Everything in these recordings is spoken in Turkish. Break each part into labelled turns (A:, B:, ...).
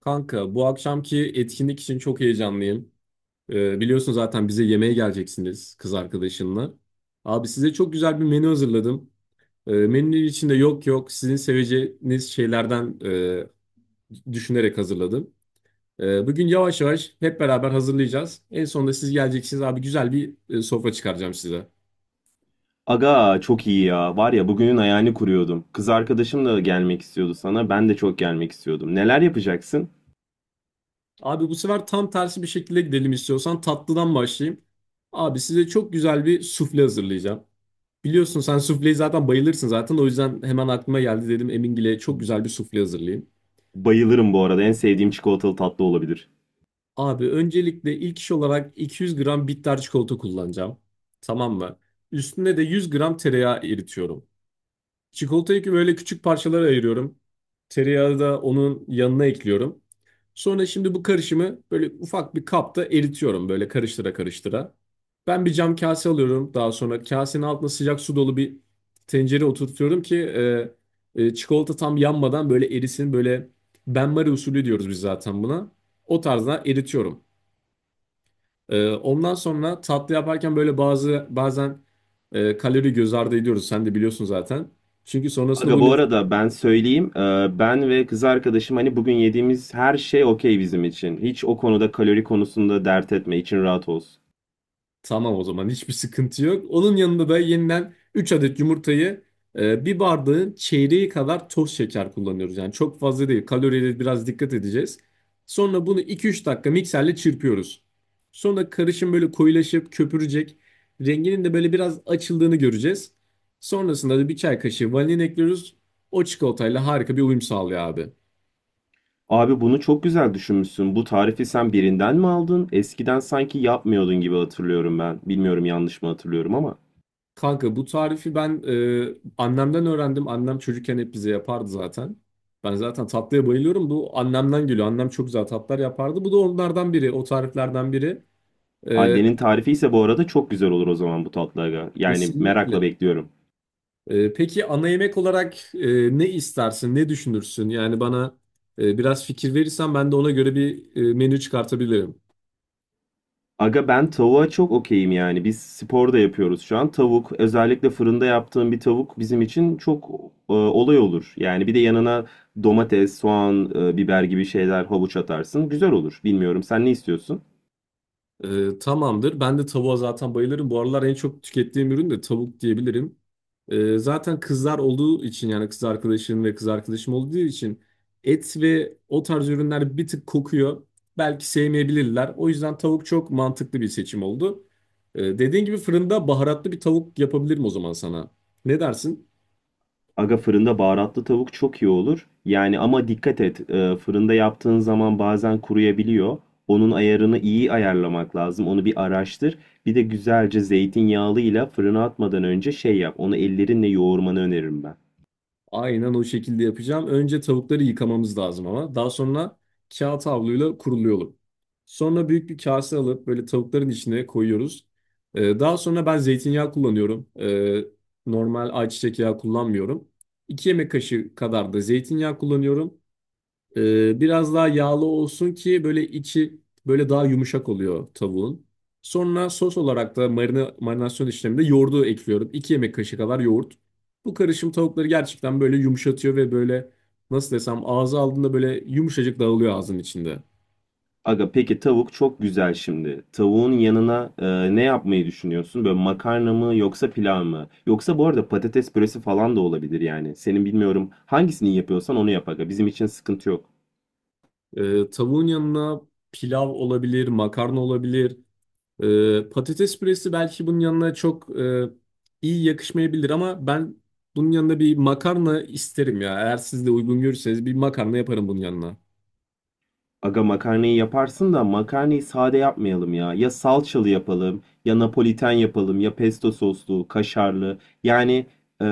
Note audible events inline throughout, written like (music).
A: Kanka bu akşamki etkinlik için çok heyecanlıyım. Biliyorsun zaten bize yemeğe geleceksiniz kız arkadaşınla. Abi size çok güzel bir menü hazırladım. Menünün içinde yok yok sizin seveceğiniz şeylerden düşünerek hazırladım. Bugün yavaş yavaş hep beraber hazırlayacağız. En sonunda siz geleceksiniz abi, güzel bir sofra çıkaracağım size.
B: Aga çok iyi ya. Var ya bugünün ayağını kuruyordum. Kız arkadaşım da gelmek istiyordu sana. Ben de çok gelmek istiyordum. Neler yapacaksın?
A: Abi bu sefer tam tersi bir şekilde gidelim istiyorsan tatlıdan başlayayım. Abi size çok güzel bir sufle hazırlayacağım. Biliyorsun sen sufleyi zaten bayılırsın zaten. O yüzden hemen aklıma geldi, dedim Emingil'e çok güzel bir sufle hazırlayayım.
B: Bayılırım bu arada. En sevdiğim çikolatalı tatlı olabilir.
A: Abi öncelikle ilk iş olarak 200 gram bitter çikolata kullanacağım. Tamam mı? Üstüne de 100 gram tereyağı eritiyorum. Çikolatayı böyle küçük parçalara ayırıyorum. Tereyağı da onun yanına ekliyorum. Sonra şimdi bu karışımı böyle ufak bir kapta eritiyorum böyle karıştıra karıştıra. Ben bir cam kase alıyorum. Daha sonra kasenin altına sıcak su dolu bir tencere oturtuyorum ki çikolata tam yanmadan böyle erisin. Böyle benmari usulü diyoruz biz zaten buna. O tarzda eritiyorum. Ondan sonra tatlı yaparken böyle bazen kalori göz ardı ediyoruz. Sen de biliyorsun zaten. Çünkü sonrasında
B: Aga
A: bu
B: bu arada ben söyleyeyim. Ben ve kız arkadaşım hani bugün yediğimiz her şey okey bizim için. Hiç o konuda kalori konusunda dert etme. İçin rahat olsun.
A: tamam, o zaman hiçbir sıkıntı yok. Onun yanında da yeniden 3 adet yumurtayı, bir bardağın çeyreği kadar toz şeker kullanıyoruz. Yani çok fazla değil. Kaloriyle biraz dikkat edeceğiz. Sonra bunu iki üç dakika mikserle çırpıyoruz. Sonra karışım böyle koyulaşıp köpürecek. Renginin de böyle biraz açıldığını göreceğiz. Sonrasında da bir çay kaşığı vanilin ekliyoruz. O çikolatayla harika bir uyum sağlıyor abi.
B: Abi bunu çok güzel düşünmüşsün. Bu tarifi sen birinden mi aldın? Eskiden sanki yapmıyordun gibi hatırlıyorum ben. Bilmiyorum yanlış mı hatırlıyorum ama.
A: Kanka bu tarifi ben annemden öğrendim. Annem çocukken hep bize yapardı zaten. Ben zaten tatlıya bayılıyorum. Bu annemden geliyor. Annem çok güzel tatlar yapardı. Bu da onlardan biri. O tariflerden biri. E,
B: Annenin tarifi ise bu arada çok güzel olur o zaman bu tatlı aga. Yani
A: Kesinlikle.
B: merakla bekliyorum.
A: Peki ana yemek olarak ne istersin? Ne düşünürsün? Yani bana biraz fikir verirsen ben de ona göre bir menü çıkartabilirim.
B: Aga ben tavuğa çok okeyim yani. Biz spor da yapıyoruz şu an. Tavuk, özellikle fırında yaptığım bir tavuk bizim için çok olay olur. Yani bir de yanına domates, soğan, biber gibi şeyler, havuç atarsın. Güzel olur. Bilmiyorum sen ne istiyorsun?
A: Tamamdır. Ben de tavuğa zaten bayılırım. Bu aralar en çok tükettiğim ürün de tavuk diyebilirim. Zaten kızlar olduğu için, yani kız arkadaşım ve kız arkadaşım olduğu için et ve o tarz ürünler bir tık kokuyor. Belki sevmeyebilirler. O yüzden tavuk çok mantıklı bir seçim oldu. Dediğin gibi fırında baharatlı bir tavuk yapabilirim o zaman sana. Ne dersin?
B: Aga fırında baharatlı tavuk çok iyi olur. Yani ama dikkat et, fırında yaptığın zaman bazen kuruyabiliyor. Onun ayarını iyi ayarlamak lazım. Onu bir araştır. Bir de güzelce zeytinyağlıyla fırına atmadan önce şey yap. Onu ellerinle yoğurmanı öneririm ben.
A: Aynen o şekilde yapacağım. Önce tavukları yıkamamız lazım ama. Daha sonra kağıt havluyla kuruluyorum. Sonra büyük bir kase alıp böyle tavukların içine koyuyoruz. Daha sonra ben zeytinyağı kullanıyorum. Normal ayçiçek yağı kullanmıyorum. 2 yemek kaşığı kadar da zeytinyağı kullanıyorum. Biraz daha yağlı olsun ki böyle içi böyle daha yumuşak oluyor tavuğun. Sonra sos olarak da marina, marinasyon işleminde yoğurdu ekliyorum. İki yemek kaşığı kadar yoğurt. Bu karışım tavukları gerçekten böyle yumuşatıyor ve böyle nasıl desem ağza aldığında böyle yumuşacık dağılıyor ağzın içinde.
B: Aga peki tavuk çok güzel şimdi. Tavuğun yanına ne yapmayı düşünüyorsun? Böyle makarna mı yoksa pilav mı? Yoksa bu arada patates püresi falan da olabilir yani. Senin bilmiyorum hangisini yapıyorsan onu yap aga. Bizim için sıkıntı yok.
A: Tavuğun yanına pilav olabilir, makarna olabilir. Patates püresi belki bunun yanına çok iyi yakışmayabilir ama ben bunun yanına bir makarna isterim ya. Eğer siz de uygun görürseniz bir makarna yaparım bunun yanına.
B: Aga makarnayı yaparsın da makarnayı sade yapmayalım ya. Ya salçalı yapalım, ya napoliten yapalım, ya pesto soslu, kaşarlı. Yani e,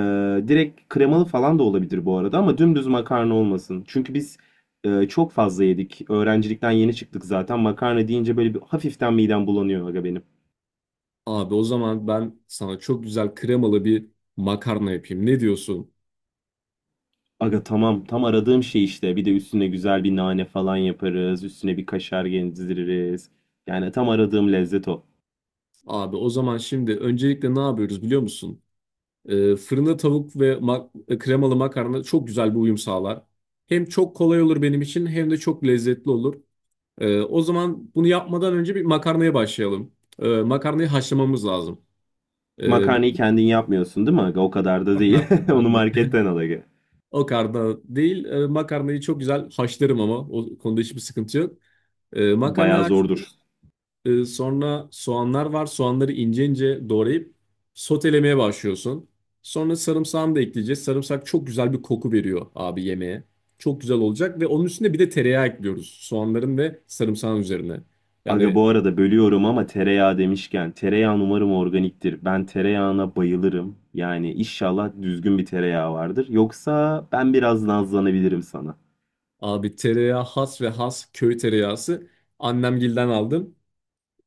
B: direkt kremalı falan da olabilir bu arada ama dümdüz makarna olmasın. Çünkü biz çok fazla yedik. Öğrencilikten yeni çıktık zaten. Makarna deyince böyle bir hafiften midem bulanıyor aga benim.
A: Abi o zaman ben sana çok güzel kremalı bir makarna yapayım. Ne diyorsun?
B: Aga tamam, tam aradığım şey işte. Bir de üstüne güzel bir nane falan yaparız. Üstüne bir kaşar gezdiririz. Yani tam aradığım lezzet o.
A: Abi o zaman şimdi öncelikle ne yapıyoruz biliyor musun? Fırında tavuk ve kremalı makarna çok güzel bir uyum sağlar. Hem çok kolay olur benim için hem de çok lezzetli olur. O zaman bunu yapmadan önce bir makarnaya başlayalım. Makarnayı haşlamamız lazım. Bu
B: Makarnayı kendin yapmıyorsun değil mi aga? O kadar da değil.
A: makarna,
B: (laughs) Onu
A: yani
B: marketten al aga.
A: o karna değil. Makarnayı çok güzel haşlarım ama o konuda hiçbir sıkıntı yok. Makarnayı
B: Bayağı zordur.
A: haşlıyoruz. Sonra soğanlar var. Soğanları ince ince doğrayıp sotelemeye başlıyorsun. Sonra sarımsağını da ekleyeceğiz. Sarımsak çok güzel bir koku veriyor abi yemeğe. Çok güzel olacak ve onun üstüne bir de tereyağı ekliyoruz. Soğanların ve sarımsağın üzerine.
B: Aga
A: Yani
B: bu arada bölüyorum ama tereyağı demişken tereyağın umarım organiktir. Ben tereyağına bayılırım. Yani inşallah düzgün bir tereyağı vardır. Yoksa ben biraz nazlanabilirim sana.
A: abi tereyağı has ve has köy tereyağısı. Annemgilden aldım.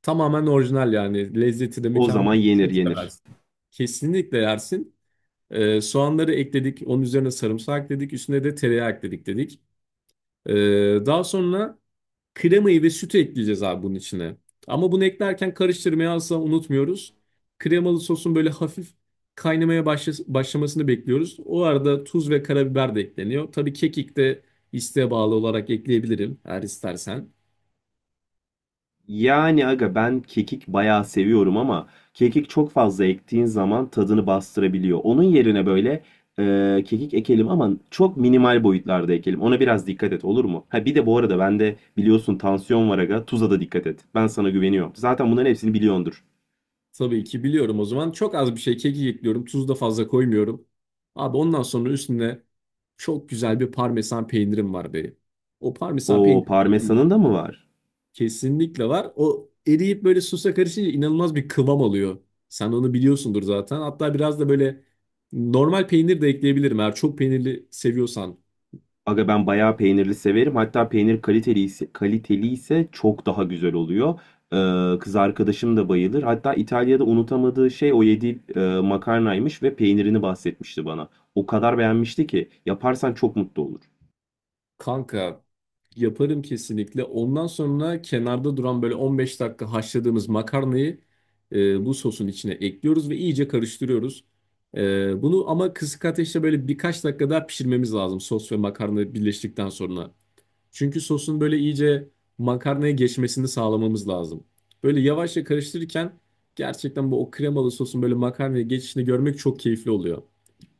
A: Tamamen orijinal yani. Lezzeti de
B: O
A: mükemmel.
B: zaman yenir
A: Çok
B: yenir.
A: seversin. Kesinlikle yersin. Soğanları ekledik. Onun üzerine sarımsak ekledik. Üstüne de tereyağı ekledik dedik. Daha sonra kremayı ve sütü ekleyeceğiz abi bunun içine. Ama bunu eklerken karıştırmayı asla unutmuyoruz. Kremalı sosun böyle hafif kaynamaya başlamasını bekliyoruz. O arada tuz ve karabiber de ekleniyor. Tabii kekik de isteğe bağlı olarak ekleyebilirim eğer istersen.
B: Yani aga ben kekik bayağı seviyorum ama kekik çok fazla ektiğin zaman tadını bastırabiliyor. Onun yerine böyle kekik ekelim ama çok minimal boyutlarda ekelim. Ona biraz dikkat et olur mu? Ha bir de bu arada bende biliyorsun tansiyon var aga. Tuza da dikkat et. Ben sana güveniyorum. Zaten bunların hepsini biliyordur.
A: Tabii ki biliyorum o zaman. Çok az bir şey kekik ekliyorum. Tuz da fazla koymuyorum. Abi ondan sonra üstüne çok güzel bir parmesan peynirim var benim. O parmesan
B: O
A: peyniri de ekleyeceğim.
B: parmesanın da mı var?
A: Kesinlikle var. O eriyip böyle sosa karışınca inanılmaz bir kıvam alıyor. Sen onu biliyorsundur zaten. Hatta biraz da böyle normal peynir de ekleyebilirim eğer çok peynirli seviyorsan.
B: Aga ben bayağı peynirli severim. Hatta peynir kaliteli ise, kaliteli ise çok daha güzel oluyor. Kız arkadaşım da bayılır. Hatta İtalya'da unutamadığı şey o yediği makarnaymış ve peynirini bahsetmişti bana. O kadar beğenmişti ki yaparsan çok mutlu olur.
A: Kanka yaparım kesinlikle. Ondan sonra kenarda duran böyle 15 dakika haşladığımız makarnayı bu sosun içine ekliyoruz ve iyice karıştırıyoruz. Bunu ama kısık ateşte böyle birkaç dakika daha pişirmemiz lazım sos ve makarna birleştikten sonra. Çünkü sosun böyle iyice makarnaya geçmesini sağlamamız lazım. Böyle yavaşça karıştırırken gerçekten bu o kremalı sosun böyle makarnaya geçişini görmek çok keyifli oluyor.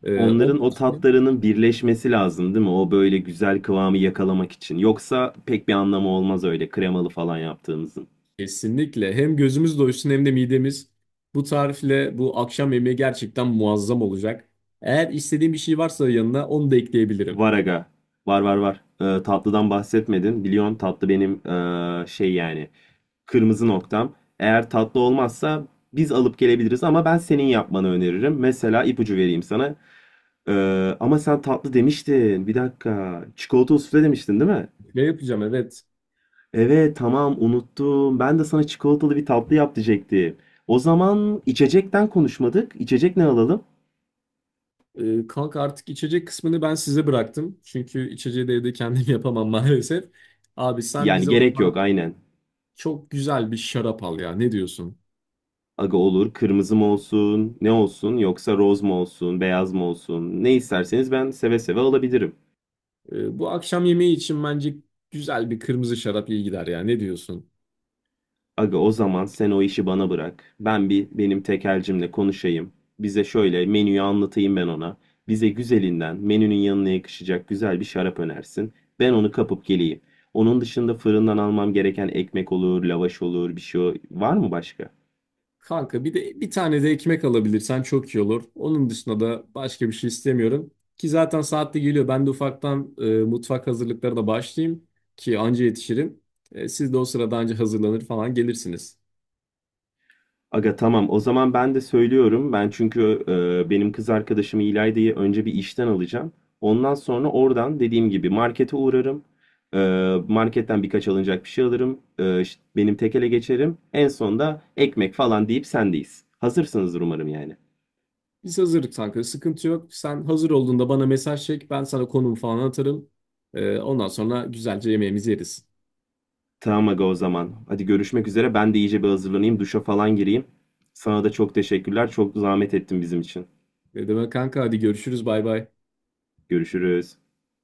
A: Ondan
B: Onların o
A: sonra
B: tatlarının birleşmesi lazım, değil mi? O böyle güzel kıvamı yakalamak için. Yoksa pek bir anlamı olmaz öyle kremalı falan yaptığımızın.
A: kesinlikle. Hem gözümüz doysun hem de midemiz. Bu tarifle bu akşam yemeği gerçekten muazzam olacak. Eğer istediğim bir şey varsa yanına onu da ekleyebilirim.
B: Var aga. Var, var, var. Tatlıdan bahsetmedin. Biliyorsun tatlı benim şey yani. Kırmızı noktam. Eğer tatlı olmazsa biz alıp gelebiliriz ama ben senin yapmanı öneririm. Mesela ipucu vereyim sana. Ama sen tatlı demiştin. Bir dakika. Çikolatalı sufle demiştin değil mi?
A: Ne yapacağım? Evet.
B: Evet tamam unuttum. Ben de sana çikolatalı bir tatlı yap diyecektim. O zaman içecekten konuşmadık. İçecek ne alalım?
A: Kanka artık içecek kısmını ben size bıraktım. Çünkü içeceği de evde kendim (laughs) yapamam maalesef. Abi sen
B: Yani
A: bize
B: gerek yok aynen.
A: çok güzel bir şarap al ya. Ne diyorsun?
B: Aga olur, kırmızı mı olsun ne olsun, yoksa roz mu olsun beyaz mı olsun, ne isterseniz ben seve seve alabilirim.
A: Bu akşam yemeği için bence güzel bir kırmızı şarap iyi gider ya. Ne diyorsun?
B: Aga o zaman sen o işi bana bırak. Ben bir benim tekelcimle konuşayım. Bize şöyle menüyü anlatayım ben ona. Bize güzelinden menünün yanına yakışacak güzel bir şarap önersin. Ben onu kapıp geleyim. Onun dışında fırından almam gereken ekmek olur, lavaş olur, bir şey var mı başka?
A: Kanka bir de bir tane de ekmek alabilirsen çok iyi olur. Onun dışında da başka bir şey istemiyorum. Ki zaten saatli geliyor. Ben de ufaktan mutfak hazırlıklarına başlayayım ki anca yetişirim. Siz de o sırada anca hazırlanır falan gelirsiniz.
B: Aga tamam o zaman ben de söylüyorum. Ben çünkü benim kız arkadaşım İlayda'yı önce bir işten alacağım. Ondan sonra oradan dediğim gibi markete uğrarım. E, marketten birkaç alınacak bir şey alırım. E, işte benim tekele geçerim. En sonda ekmek falan deyip sendeyiz. Hazırsınızdır umarım yani.
A: Biz hazırlık kanka, sıkıntı yok. Sen hazır olduğunda bana mesaj çek. Ben sana konumu falan atarım. Ondan sonra güzelce yemeğimizi yeriz.
B: Tamam aga o zaman. Hadi görüşmek üzere. Ben de iyice bir hazırlanayım. Duşa falan gireyim. Sana da çok teşekkürler. Çok zahmet ettin bizim için.
A: Ne demek kanka, hadi görüşürüz, bay bay.
B: Görüşürüz.